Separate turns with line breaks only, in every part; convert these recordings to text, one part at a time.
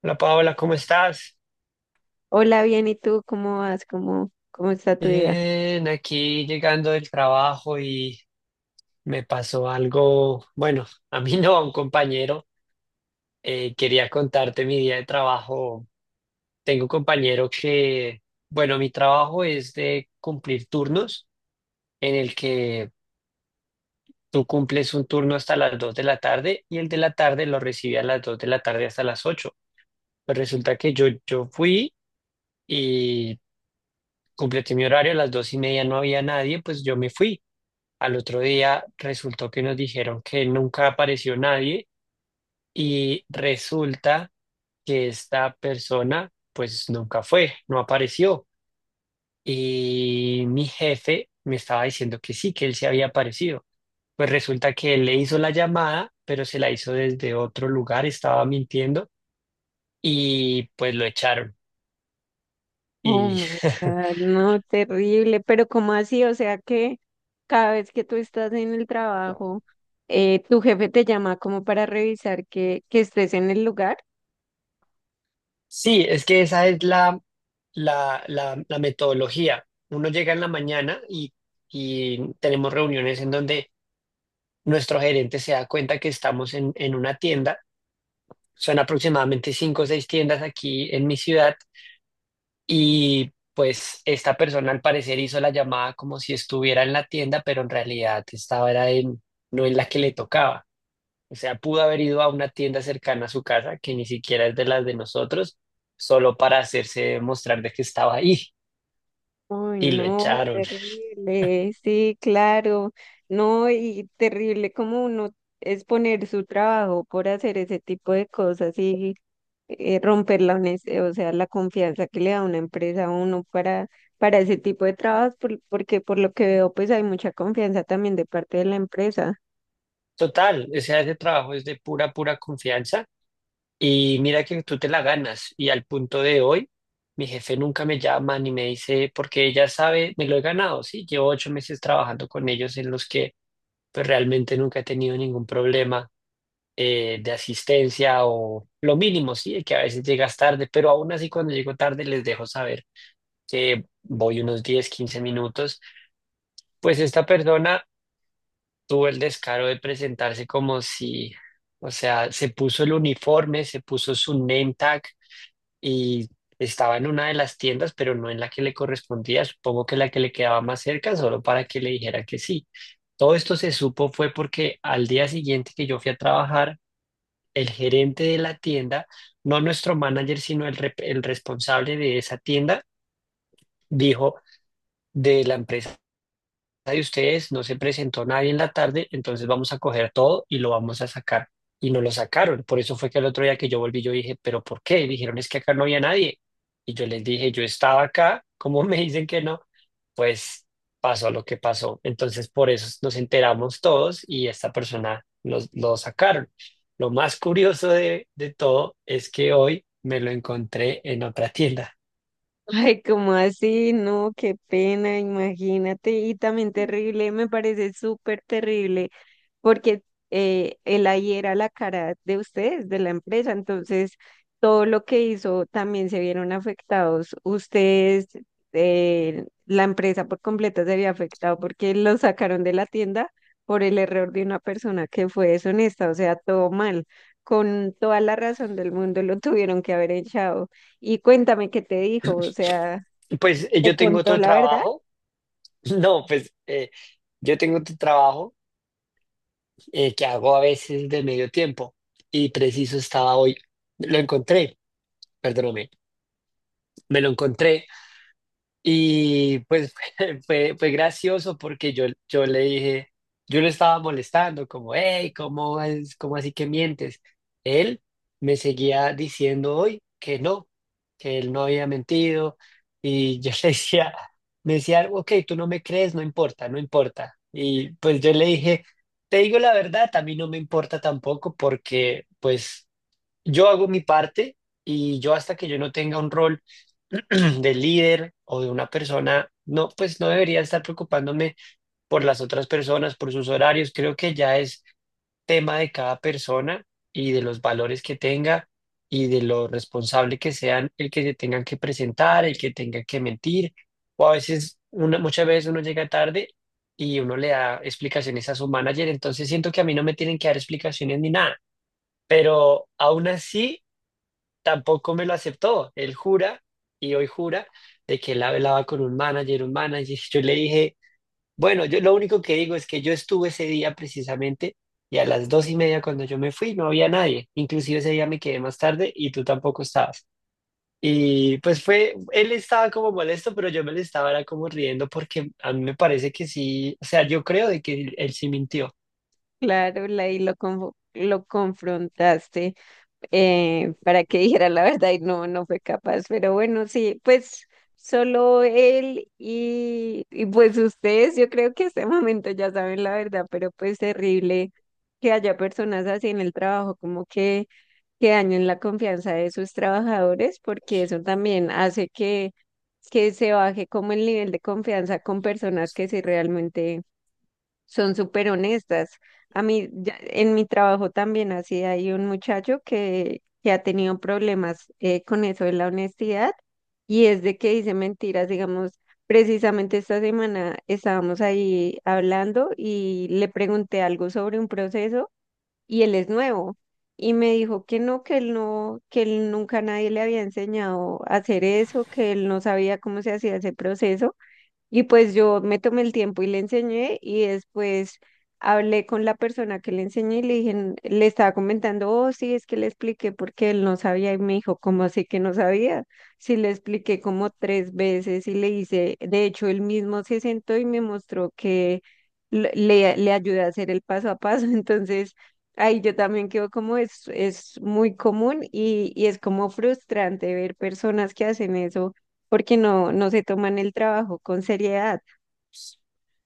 Hola Paola, ¿cómo estás?
Hola, bien, ¿y tú cómo vas? ¿¿Cómo está tu vida?
Bien, aquí llegando del trabajo y me pasó algo, bueno, a mí no, a un compañero. Quería contarte mi día de trabajo. Tengo un compañero que, bueno, mi trabajo es de cumplir turnos, en el que tú cumples un turno hasta las 2 de la tarde y el de la tarde lo recibe a las 2 de la tarde hasta las 8. Pues resulta que yo fui y completé mi horario, a las 2 y media no había nadie, pues yo me fui. Al otro día resultó que nos dijeron que nunca apareció nadie y resulta que esta persona pues nunca fue, no apareció. Y mi jefe me estaba diciendo que sí, que él se había aparecido. Pues resulta que él le hizo la llamada, pero se la hizo desde otro lugar, estaba mintiendo y pues lo echaron.
Oh
Y
my God, no, terrible, pero ¿cómo así? O sea que cada vez que tú estás en el trabajo, tu jefe te llama como para revisar que estés en el lugar.
sí, es que esa es la metodología. Uno llega en la mañana y tenemos reuniones en donde nuestro gerente se da cuenta que estamos en una tienda. Son aproximadamente cinco o seis tiendas aquí en mi ciudad y pues esta persona al parecer hizo la llamada como si estuviera en la tienda, pero en realidad estaba era en, no en la que le tocaba. O sea, pudo haber ido a una tienda cercana a su casa, que ni siquiera es de las de nosotros, solo para hacerse mostrar de que estaba ahí
Uy,
y lo
no,
echaron.
terrible, sí, claro, no, y terrible como uno es poner su trabajo por hacer ese tipo de cosas y romper la o sea, la confianza que le da una empresa a uno para ese tipo de trabajos, porque por lo que veo, pues hay mucha confianza también de parte de la empresa.
Total, o sea, ese trabajo es de pura, pura confianza y mira que tú te la ganas. Y al punto de hoy, mi jefe nunca me llama ni me dice, porque ella sabe, me lo he ganado, sí, llevo 8 meses trabajando con ellos en los que pues realmente nunca he tenido ningún problema de asistencia o lo mínimo, sí, que a veces llegas tarde, pero aún así cuando llego tarde les dejo saber que voy unos 10 15 minutos, pues esta persona tuvo el descaro de presentarse como si, o sea, se puso el uniforme, se puso su name tag y estaba en una de las tiendas, pero no en la que le correspondía, supongo que la que le quedaba más cerca, solo para que le dijera que sí. Todo esto se supo fue porque al día siguiente que yo fui a trabajar, el gerente de la tienda, no nuestro manager, sino el, el responsable de esa tienda, dijo de la empresa de ustedes, no se presentó nadie en la tarde, entonces vamos a coger todo y lo vamos a sacar. Y no lo sacaron. Por eso fue que el otro día que yo volví, yo dije, ¿pero por qué? Y dijeron, es que acá no había nadie. Y yo les dije, yo estaba acá, ¿cómo me dicen que no? Pues pasó lo que pasó. Entonces por eso nos enteramos todos y esta persona nos, lo sacaron. Lo más curioso de todo es que hoy me lo encontré en otra tienda.
Ay, como así? No, qué pena, imagínate. Y también terrible, me parece súper terrible, porque él ahí era la cara de ustedes, de la empresa, entonces todo lo que hizo también se vieron afectados. Ustedes, la empresa por completo se había afectado porque lo sacaron de la tienda por el error de una persona que fue deshonesta, o sea, todo mal. Con toda la razón del mundo lo tuvieron que haber echado. Y cuéntame qué te dijo, o sea,
Pues
¿te
yo tengo
contó
otro
la verdad?
trabajo. No, pues yo tengo tu trabajo, que hago a veces de medio tiempo y preciso estaba hoy. Lo encontré, perdóname, me lo encontré. Y pues fue, gracioso porque yo le dije, yo le estaba molestando, como, hey, ¿cómo es, cómo así que mientes? Él me seguía diciendo hoy que no, que él no había mentido. Y yo le decía, me decía, ok, tú no me crees, no importa, no importa. Y pues yo le dije, te digo la verdad, a mí no me importa tampoco porque pues yo hago mi parte y yo hasta que yo no tenga un rol del líder o de una persona, no, pues no debería estar preocupándome por las otras personas, por sus horarios. Creo que ya es tema de cada persona y de los valores que tenga y de lo responsable que sean, el que se tengan que presentar, el que tenga que mentir. O a veces, una, muchas veces uno llega tarde y uno le da explicaciones a su manager, entonces siento que a mí no me tienen que dar explicaciones ni nada. Pero aún así, tampoco me lo aceptó. Él jura y hoy jura de que él hablaba con un manager, un manager. Yo le dije, bueno, yo lo único que digo es que yo estuve ese día precisamente y a las 2 y media cuando yo me fui no había nadie. Inclusive ese día me quedé más tarde y tú tampoco estabas. Y pues fue, él estaba como molesto, pero yo me le estaba era como riendo porque a mí me parece que sí, o sea, yo creo de que él sí mintió.
Claro, la, y lo, confo- lo confrontaste, para que dijera la verdad y no fue capaz. Pero bueno, sí, pues solo él y pues ustedes, yo creo que este momento ya saben la verdad, pero pues terrible que haya personas así en el trabajo, como que dañen la confianza de sus trabajadores, porque eso también hace que se baje como el nivel de confianza con personas que sí realmente son súper honestas. A mí, en mi trabajo también así hay un muchacho que ha tenido problemas con eso de la honestidad y es de que dice mentiras, digamos, precisamente esta semana estábamos ahí hablando y le pregunté algo sobre un proceso y él es nuevo y me dijo que no, que él no, que él nunca nadie le había enseñado a hacer eso, que él no sabía cómo se hacía ese proceso. Y pues yo me tomé el tiempo y le enseñé y después hablé con la persona que le enseñé y le dije, le estaba comentando, oh, sí, es que le expliqué porque él no sabía y me dijo, ¿cómo así que no sabía? Sí, le expliqué como tres veces y le hice, de hecho, él mismo se sentó y me mostró que le ayudé a hacer el paso a paso, entonces... Ahí yo también quedo como es muy común y es como frustrante ver personas que hacen eso porque no se toman el trabajo con seriedad.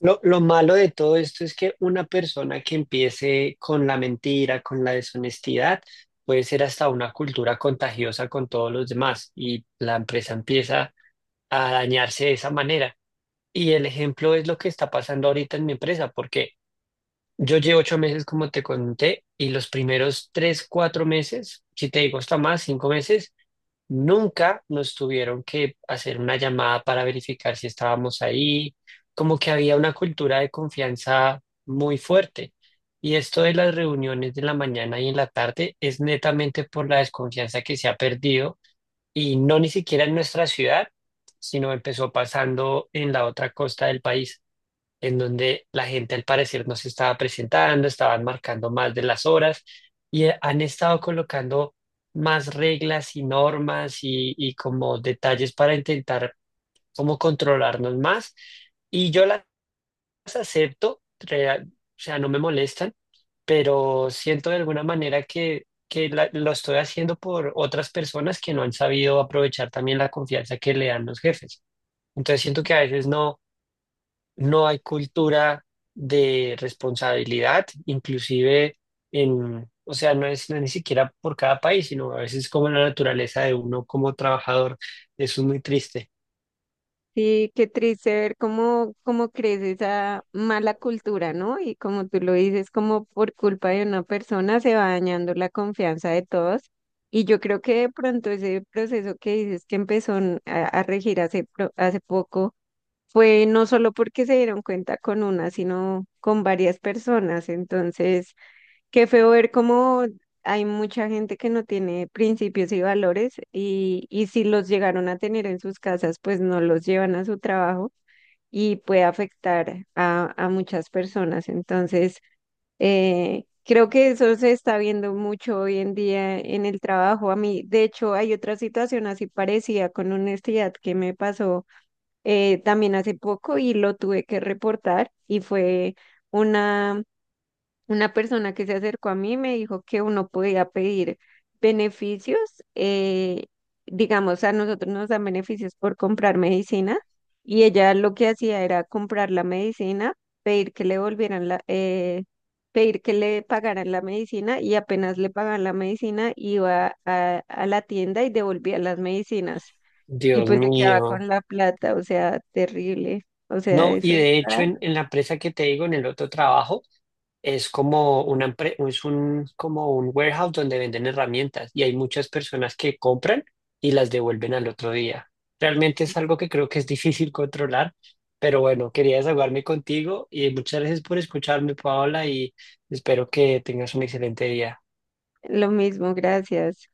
Lo malo de todo esto es que una persona que empiece con la mentira, con la deshonestidad, puede ser hasta una cultura contagiosa con todos los demás y la empresa empieza a dañarse de esa manera. Y el ejemplo es lo que está pasando ahorita en mi empresa, porque yo llevo 8 meses, como te conté, y los primeros 3, 4 meses, si te digo hasta más, 5 meses, nunca nos tuvieron que hacer una llamada para verificar si estábamos ahí, como que había una cultura de confianza muy fuerte. Y esto de las reuniones de la mañana y en la tarde es netamente por la desconfianza que se ha perdido y no ni siquiera en nuestra ciudad, sino empezó pasando en la otra costa del país en donde la gente al parecer no se estaba presentando, estaban marcando más de las horas y han estado colocando más reglas y normas y como detalles para intentar como controlarnos más. Y yo las acepto, o sea, no me molestan, pero siento de alguna manera que lo estoy haciendo por otras personas que no han sabido aprovechar también la confianza que le dan los jefes. Entonces siento que a veces no hay cultura de responsabilidad, inclusive en, o sea, no es ni siquiera por cada país, sino a veces como la naturaleza de uno como trabajador. Eso es muy triste.
Sí, qué triste ver cómo crece esa mala cultura, ¿no? Y como tú lo dices, como por culpa de una persona se va dañando la confianza de todos. Y yo creo que de pronto ese proceso que dices que empezó a regir hace, hace poco fue no solo porque se dieron cuenta con una, sino con varias personas. Entonces... Qué feo ver cómo hay mucha gente que no tiene principios y valores y si los llegaron a tener en sus casas, pues no los llevan a su trabajo y puede afectar a muchas personas. Entonces, creo que eso se está viendo mucho hoy en día en el trabajo. A mí, de hecho, hay otra situación así parecida con honestidad que me pasó también hace poco y lo tuve que reportar y fue... una una persona que se acercó a mí me dijo que uno podía pedir beneficios, eh, digamos, a nosotros nos dan beneficios por comprar medicina y ella lo que hacía era comprar la medicina, pedir que le volvieran pedir que le pagaran la medicina y apenas le pagaban la medicina iba a la tienda y devolvía las medicinas y
Dios
pues se quedaba
mío.
con la plata, o sea, terrible, o sea,
No,
eso
y de hecho
está
en la empresa que te digo, en el otro trabajo, es como una, es un, como un warehouse donde venden herramientas y hay muchas personas que compran y las devuelven al otro día. Realmente es algo que creo que es difícil controlar, pero bueno, quería desahogarme contigo y muchas gracias por escucharme, Paola, y espero que tengas un excelente día.
lo mismo, gracias.